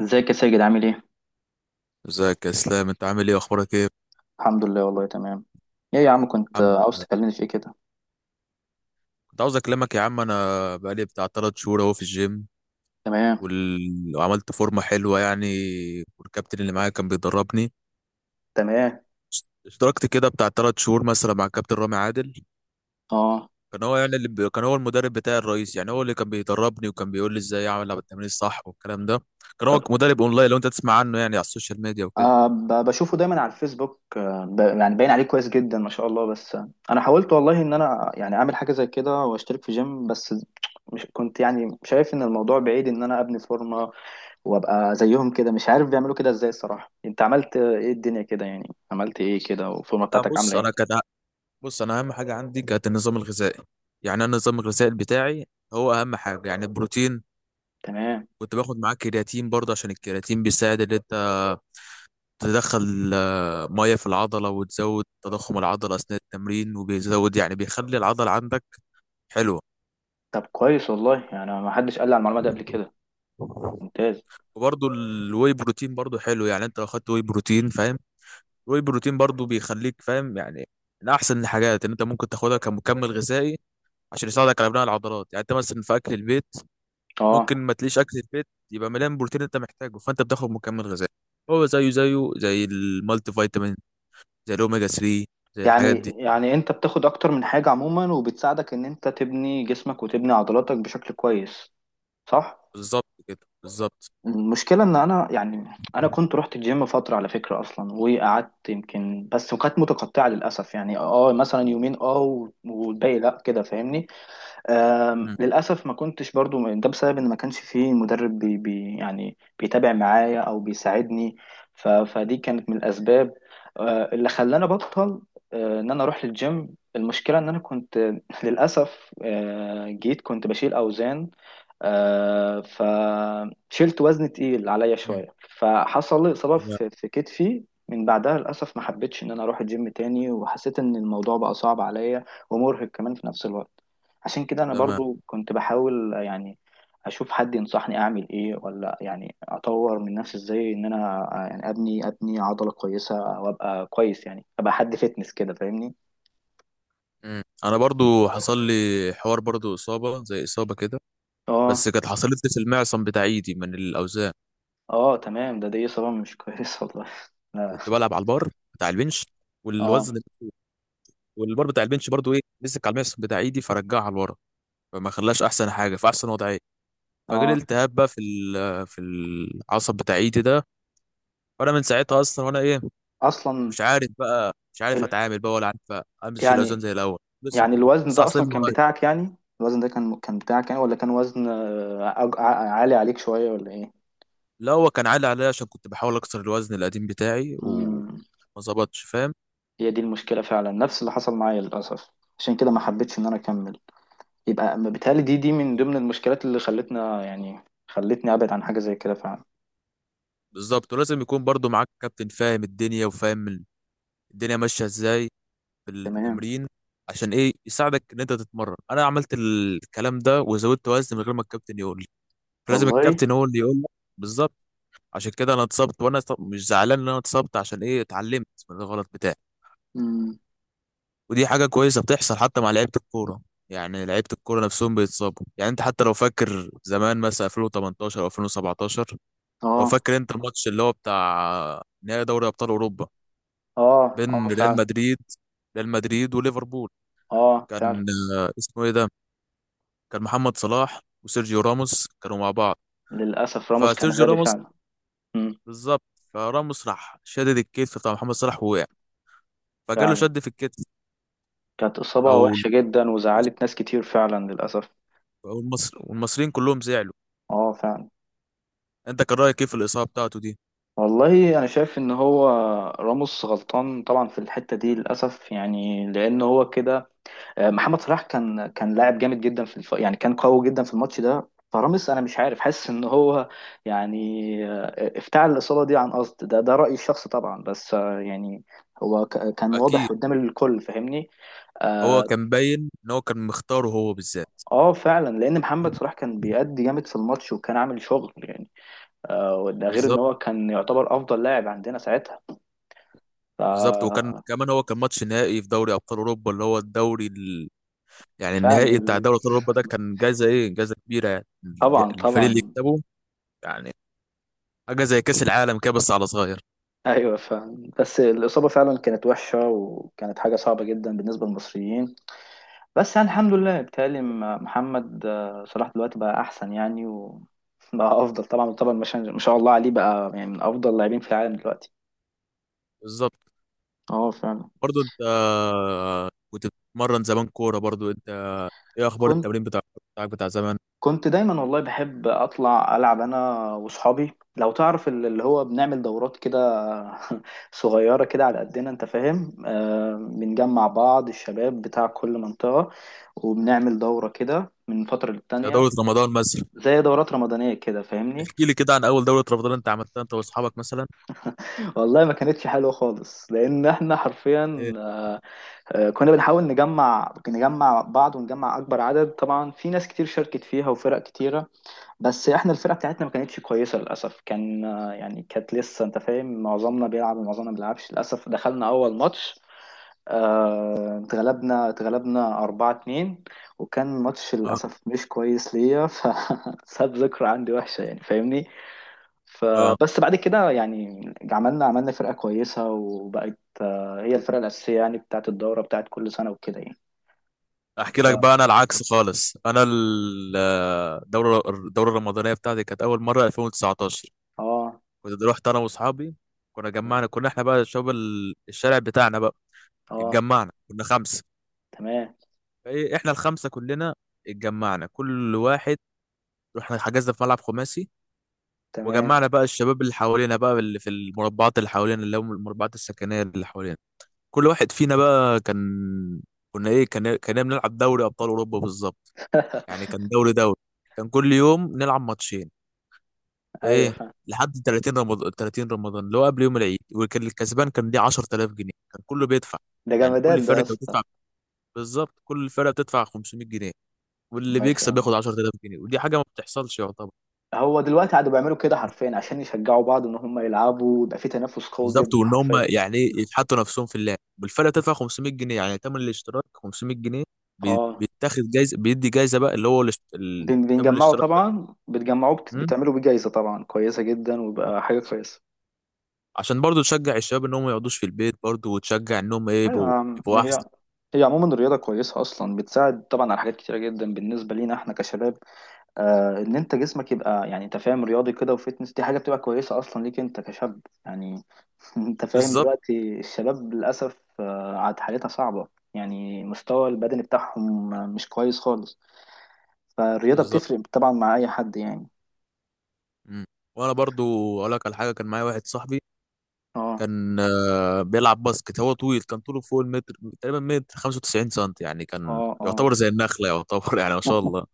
ازيك يا ساجد عامل ايه؟ ازيك يا اسلام، انت عامل ايه؟ اخبارك ايه يا الحمد لله والله تمام. ايه يا عم كنت عم- عاوز تكلمني في ايه كده؟ كنت عاوز اكلمك يا عم، انا بقالي بتاع 3 شهور اهو في الجيم تمام. وعملت فورمه حلوه يعني. والكابتن اللي معايا كان بيدربني. تمام. اشتركت كده بتاع 3 شهور مثلا مع الكابتن رامي عادل. اه. كان هو يعني كان هو المدرب بتاعي الرئيسي، يعني هو اللي كان بيدربني وكان بيقول لي ازاي اعمل التمرين الصح والكلام ده. كان هو طب مدرب اونلاين، لو انت تسمع عنه يعني على السوشيال ميديا وكده. آه بشوفه دايما على الفيسبوك يعني باين عليه كويس جدا ما شاء الله، بس انا حاولت والله ان انا يعني اعمل حاجه زي كده واشترك في جيم، بس مش كنت يعني شايف ان الموضوع بعيد ان انا ابني فورمه وابقى زيهم كده. مش عارف بيعملوا كده ازاي الصراحه. انت عملت ايه الدنيا كده؟ يعني عملت ايه كده والفورمه لا بتاعتك بص عامله ايه؟ بص انا اهم حاجه عندي كانت النظام الغذائي، يعني انا النظام الغذائي بتاعي هو اهم حاجه، يعني البروتين. تمام. كنت باخد معاك كرياتين برضه عشان الكرياتين بيساعد ان انت تدخل ميه في العضله وتزود تضخم العضله اثناء التمرين، وبيزود يعني بيخلي العضله عندك حلوه. طب كويس والله، يعني ما حدش قال لي على المعلومه دي قبل كده. ممتاز. وبرضه الواي بروتين برضه حلو، يعني انت لو خدت واي بروتين فاهم، الواي بروتين برضه بيخليك فاهم يعني، من احسن الحاجات ان انت ممكن تاخدها كمكمل غذائي عشان يساعدك على بناء العضلات. يعني انت مثلا في اكل البيت ممكن اه. ما تليش اكل البيت يبقى مليان بروتين انت محتاجه، فانت بتاخد مكمل غذائي. هو زيه زي المالتي فيتامين، زي الأوميجا 3، زي يعني الحاجات دي. يعني انت بتاخد اكتر من حاجة عموما، وبتساعدك ان انت تبني جسمك وتبني عضلاتك بشكل كويس، صح؟ بالظبط كده. بالظبط. المشكلة ان انا يعني انا كنت رحت الجيم فترة على فكرة اصلا، وقعدت يمكن بس، وكانت متقطعة للأسف. يعني اه مثلا يومين اه والباقي لا كده، فاهمني؟ مم. للأسف ما كنتش برضو، ده بسبب إن ما كانش فيه مدرب بي يعني بيتابع معايا أو بيساعدني. ف فدي كانت من الأسباب اللي خلاني أبطل، إن أنا أروح للجيم. المشكلة إن أنا كنت للأسف جيت كنت بشيل أوزان، فشلت وزن تقيل عليا مم. شوية. فحصل لي إصابة تمام. في كتفي. من بعدها للأسف ما حبيتش إن أنا أروح الجيم تاني، وحسيت إن الموضوع بقى صعب عليا ومرهق كمان في نفس الوقت. عشان كده انا تمام. برضو كنت بحاول يعني اشوف حد ينصحني اعمل ايه، ولا يعني اطور من نفسي ازاي، ان انا يعني ابني عضلة كويسة او ابقى كويس، يعني ابقى حد فتنس كده، فاهمني؟ مم. أنا برضو حصل لي حوار، برضو إصابة زي إصابة كده، اه. بس كانت حصلت لي في المعصم بتاع إيدي من الأوزان. اه تمام، ده دي اصابة مش كويسة والله. لا. كنت بلعب على البار بتاع البنش والوزن، اه. والبار بتاع البنش برضو إيه مسك على المعصم بتاع إيدي فرجعها لورا، فما خلاش أحسن حاجة في أحسن وضعية. فجالي اه. التهاب بقى في في العصب بتاع إيدي ده. وأنا من ساعتها أصلا، وأنا إيه اصلا. مش عارف بقى، مش عارف ال... اتعامل بقى ولا عارف امشي الاوزان يعني زي الاول لسه. يعني الوزن لسه ده عصلين اصلا من كان قريب. بتاعك؟ يعني الوزن ده كان بتاعك يعني، ولا كان وزن عالي عليك شوية، ولا ايه؟ لا هو كان عالي عليا عشان كنت بحاول اكسر الوزن القديم بتاعي وما امم. ظبطش فاهم. هي دي المشكلة فعلا، نفس اللي حصل معايا للأسف. عشان كده ما حبيتش إن أنا أكمل. يبقى ما بيتهيألي دي من ضمن المشكلات اللي خلتنا يعني خلتني أبعد عن حاجة زي كده فعلا. بالظبط، ولازم يكون برضو معاك كابتن فاهم الدنيا وفاهم الدنيا ماشيه ازاي في تمام. التمرين، عشان ايه يساعدك ان انت تتمرن. انا عملت الكلام ده وزودت وزن من غير ما الكابتن يقول لي، فلازم والله. الكابتن هو اللي يقول لك. بالظبط. عشان كده انا اتصبت، مش زعلان ان انا اتصبت، عشان ايه اتعلمت من الغلط بتاعي. مم. ودي حاجة كويسة بتحصل حتى مع لعيبة الكورة، يعني لعيبة الكورة نفسهم بيتصابوا. يعني انت حتى لو فاكر زمان مثلا 2018 او 2017، لو آه. فاكر انت الماتش اللي هو بتاع نهائي دوري ابطال اوروبا آه. آه بين فعلا. ريال مدريد وليفربول. آه فعلا، كان اسمه ايه ده، كان محمد صلاح وسيرجيو راموس كانوا مع بعض. للأسف راموس كان فسيرجيو غبي راموس، فعلا. مم. بالظبط. فراموس راح شدد الكتف بتاع محمد صلاح ووقع، فجاله فعلا، شد في الكتف. كانت إصابة او وحشة جدا وزعلت ناس كتير فعلا للأسف. أو المصر والمصريين كلهم زعلوا. آه فعلا. انت كان رايك ايه في الاصابه بتاعته دي؟ والله أنا شايف إن هو راموس غلطان طبعا في الحتة دي للأسف، يعني لأن هو كده، محمد صلاح كان لاعب جامد جدا في يعني كان قوي جدا في الماتش ده. فرامس انا مش عارف، حاسس ان هو يعني افتعل الاصابه دي عن قصد، ده رايي الشخصي طبعا، بس يعني هو كان واضح اكيد قدام الكل، فاهمني؟ هو اه. كان باين ان هو كان مختاره هو بالذات. فعلا، لان محمد صلاح كان بيأدي جامد في الماتش وكان عامل شغل يعني. ده غير ان بالظبط. هو كان يعتبر افضل لاعب عندنا ساعتها. ف... بالظبط، وكان كمان هو كان ماتش نهائي في دوري ابطال اوروبا، اللي هو الدوري ال... يعني فعلا النهائي بتاع دوري ابطال اوروبا ده كان جايزه ايه، جايزه كبيره، يعني طبعا الفريق اللي طبعا. يكسبه، يعني حاجه زي كاس العالم كده بس على صغير. ايوه فعلا، بس الاصابه فعلا كانت وحشه وكانت حاجه صعبه جدا بالنسبه للمصريين. بس يعني الحمد لله، بيتهيألي محمد صلاح دلوقتي بقى احسن يعني، وبقى افضل طبعا طبعا. ما شاء الله عليه بقى، يعني من افضل اللاعبين في العالم دلوقتي. بالظبط. اه فعلا. برضو انت كنت بتتمرن زمان كوره؟ برضو انت ايه اخبار كنت التمرين بتاعك بتاع زمان؟ دايما والله بحب اطلع العب انا واصحابي. لو تعرف اللي هو بنعمل دورات كده صغيره كده على قدنا، انت فاهم. آه، بنجمع بعض الشباب بتاع كل منطقه، وبنعمل دوره كده من فتره ده للتانيه، دوره رمضان مثلا. زي دورات رمضانيه كده، فاهمني؟ احكي لي كده عن اول دوره رمضان انت عملتها انت واصحابك مثلا. والله ما كانتش حلوه خالص، لان احنا حرفيا ايه. كنا بنحاول نجمع بعض ونجمع اكبر عدد. طبعا في ناس كتير شاركت فيها وفرق كتيره، بس احنا الفرقه بتاعتنا ما كانتش كويسه للاسف. كان يعني كانت لسه، انت فاهم، معظمنا بيلعب ومعظمنا ما بيلعبش للاسف. دخلنا اول ماتش اتغلبنا 4-2، وكان ماتش اه. للاسف مش كويس ليا، فساب ذكرى عندي وحشه يعني، فاهمني؟ اه. فبس بعد كده يعني عملنا فرقه كويسه، وبقت هي الفرقه الاساسيه يعني بتاعت الدوره بتاعت كل سنه وكده يعني. احكي لك ف... بقى انا العكس خالص، انا الدوره الرمضانيه بتاعتي كانت اول مره 2019. اه كنت رحت انا واصحابي، كنا تمام. جمعنا، كنا احنا بقى شباب الشارع بتاعنا بقى، اه اتجمعنا كنا خمسه. تمام. فايه احنا الخمسه كلنا اتجمعنا، كل واحد رحنا حجزنا في ملعب خماسي. تمام. وجمعنا بقى الشباب اللي حوالينا بقى، اللي في المربعات اللي حوالينا، اللي هم المربعات السكنيه اللي حوالينا. كل واحد فينا بقى كان، كنا ايه كان كنا بنلعب دوري ابطال اوروبا بالظبط. يعني كان دوري، كان كل يوم نلعب ماتشين. ايوه ايه. فاهم. لحد 30 رمضان، 30 رمضان اللي هو قبل يوم العيد، وكان الكسبان كان ليه 10000 جنيه، كان كله بيدفع ده يعني. جمدان كل ده يا فرقه اسطى. بتدفع، بالظبط كل فرقه بتدفع 500 جنيه، واللي بيكسب مثلا بياخد 10000 جنيه، ودي حاجه ما بتحصلش يعتبر. هو دلوقتي قعدوا بيعملوا كده حرفيا عشان يشجعوا بعض ان هم يلعبوا، ويبقى في تنافس قوي جدا بالظبط، وان هم حرفيا. يعني إيه يتحطوا نفسهم في اللعب، والفرقه بتدفع 500 جنيه، يعني تمن الاشتراك 500 جنيه، اه. بيتاخد جايزه بيدي جايزه بقى، اللي هو تمن بنجمعوا الاشتراك طبعا، بتجمعوا ده، بتعملوا بيه جايزة طبعا كويسة جدا، ويبقى حاجة كويسة. عشان برضو تشجع الشباب انهم ما يقعدوش في البيت، برضو وتشجع انهم ايه ايوه يا عم، يبقوا ما هي احسن. عموما الرياضة كويسة أصلا، بتساعد طبعا على حاجات كتيرة جدا بالنسبة لينا احنا كشباب. آه، إن أنت جسمك يبقى يعني أنت فاهم رياضي كده وفتنس، دي حاجة بتبقى كويسة أصلا ليك أنت كشاب يعني. انت فاهم بالظبط. دلوقتي الشباب للاسف عاد حالتها صعبه، يعني مستوى البدني بتاعهم مش كويس خالص. فالرياضه بالظبط. بتفرق طبعا مع اي حد يعني. مم. وانا برضو اقول لك على حاجه، كان معايا واحد صاحبي اه. كان بيلعب باسكت. هو طويل كان طوله فوق المتر، تقريبا متر 95 سم، يعني كان اه. اه. يعتبر زي النخله يعتبر يعني ما شاء الله.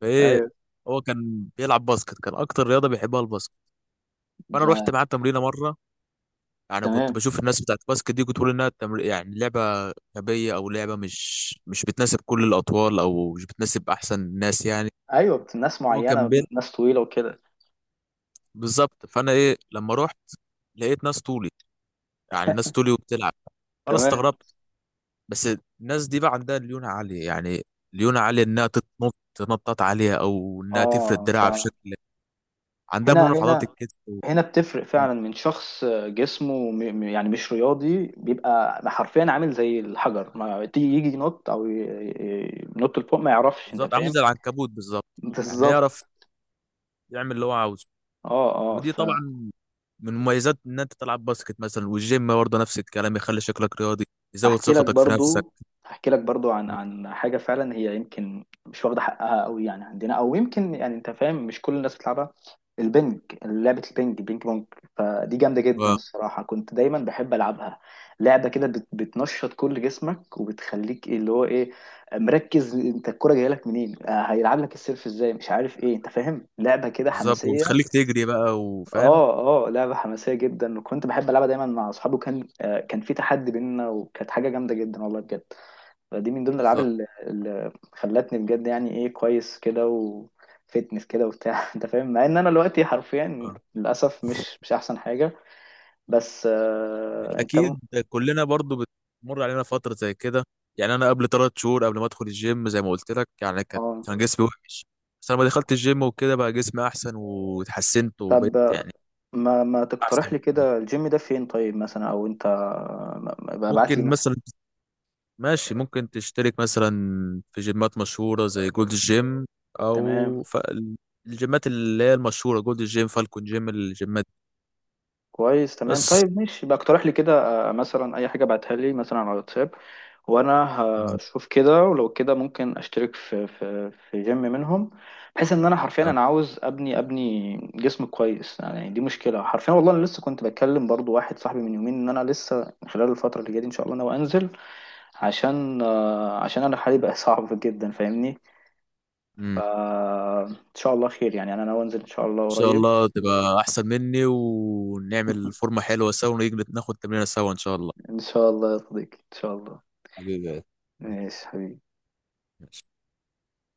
فايه ايوه. هو كان بيلعب باسكت، كان اكتر رياضه بيحبها الباسكت. فانا رحت لا. معاه تمرينه مره. يعني كنت تمام. بشوف الناس بتاعت الباسكت دي، كنت بقول يعني لعبه غبيه، او لعبه مش بتناسب كل الاطوال، او مش بتناسب احسن الناس يعني. ايوه ناس هو كان معينه، بين، ناس طويله وكده. بالظبط. فانا ايه لما رحت لقيت ناس طولي، يعني ناس طولي وبتلعب. فانا تمام. استغربت، بس الناس دي بقى عندها ليونه عاليه، يعني ليونه عاليه انها تتنط، تنطط عاليه او انها تفرد اه دراعها فعلا. بشكل، عندها هنا. مرونه في عضلات هنا. الكتف. هنا بتفرق مم. فعلا. من شخص جسمه يعني مش رياضي، بيبقى حرفيا عامل زي الحجر. ما تيجي يجي ينط او ينط لفوق ما يعرفش، انت بالظبط عامل فاهم؟ زي العنكبوت بالظبط، يعني بالظبط. يعرف يعمل اللي هو عاوزه. اه. اه ودي فهحكي طبعا من مميزات ان انت تلعب باسكت مثلا. والجيم برضه نفس الكلام، يخلي شكلك رياضي، يزود لك ثقتك في نفسك. برضو هحكي لك برضو عن حاجه فعلا هي يمكن مش واخده حقها قوي يعني عندنا، او يمكن يعني انت فاهم، مش كل الناس بتلعبها. البنج، لعبه البنج بينج بونج. فدي جامده جدا مم. الصراحه، كنت دايما بحب العبها. لعبه كده بتنشط كل جسمك وبتخليك إيه اللي هو ايه، مركز، انت الكوره جايه لك منين، هيلعب لك السيرف ازاي، مش عارف ايه، انت فاهم، لعبه كده بالظبط حماسيه. وبتخليك تجري بقى وفاهم. اه. اه لعبة حماسية جدا، وكنت بحب ألعبها دايما مع أصحابي. وكان كان في تحدي بيننا وكانت حاجة جامدة جدا والله بجد. فدي من ضمن الألعاب بالظبط. اللي خلتني بجد يعني إيه كويس كده وفتنس كده وبتاع، أنت فاهم، مع إن أنا دلوقتي حرفيا للأسف مش أحسن حاجة. بس آه أنت اكيد كلنا برضو بتمر علينا فتره زي كده. يعني انا قبل 3 شهور قبل ما ادخل الجيم، زي ما قلت لك، يعني اه. كان جسمي وحش. بس لما دخلت الجيم وكده بقى جسمي احسن، واتحسنت وبقيت طب يعني ما احسن تقترح لي بكتير. كده الجيم ده فين طيب مثلا؟ أو أنت ابعت لي ممكن مثلا. مثلا، ماشي ممكن تشترك مثلا في جيمات مشهوره زي جولد جيم، او تمام. ف... الجيمات اللي هي المشهوره جولد جيم، فالكون جيم، الجيمات دي. كويس تمام. بس، طيب ماشي، يبقى اقترح لي كده مثلا اي حاجه، بعتها لي مثلا على الواتساب، وانا تمام. هشوف كده، ولو كده ممكن اشترك في في جيم منهم، بحيث ان انا حرفيا انا عاوز ابني جسم كويس يعني. دي مشكله حرفيا والله. انا لسه كنت بتكلم برضو واحد صاحبي من يومين ان انا لسه خلال الفتره اللي جايه دي ان شاء الله انا انزل، عشان عشان انا حالي بقى صعب جدا، فاهمني؟ تمام. فان شاء الله خير يعني. انا ناوي انزل ان شاء الله شاء قريب. الله تبقى احسن مني، ونعمل فورمة حلوة سوا، ونيجي ناخد تمرينة سوا ان شاء الله. ان شاء الله يا صديقي، ان شاء الله. حبيبي. ماشي حبيبي.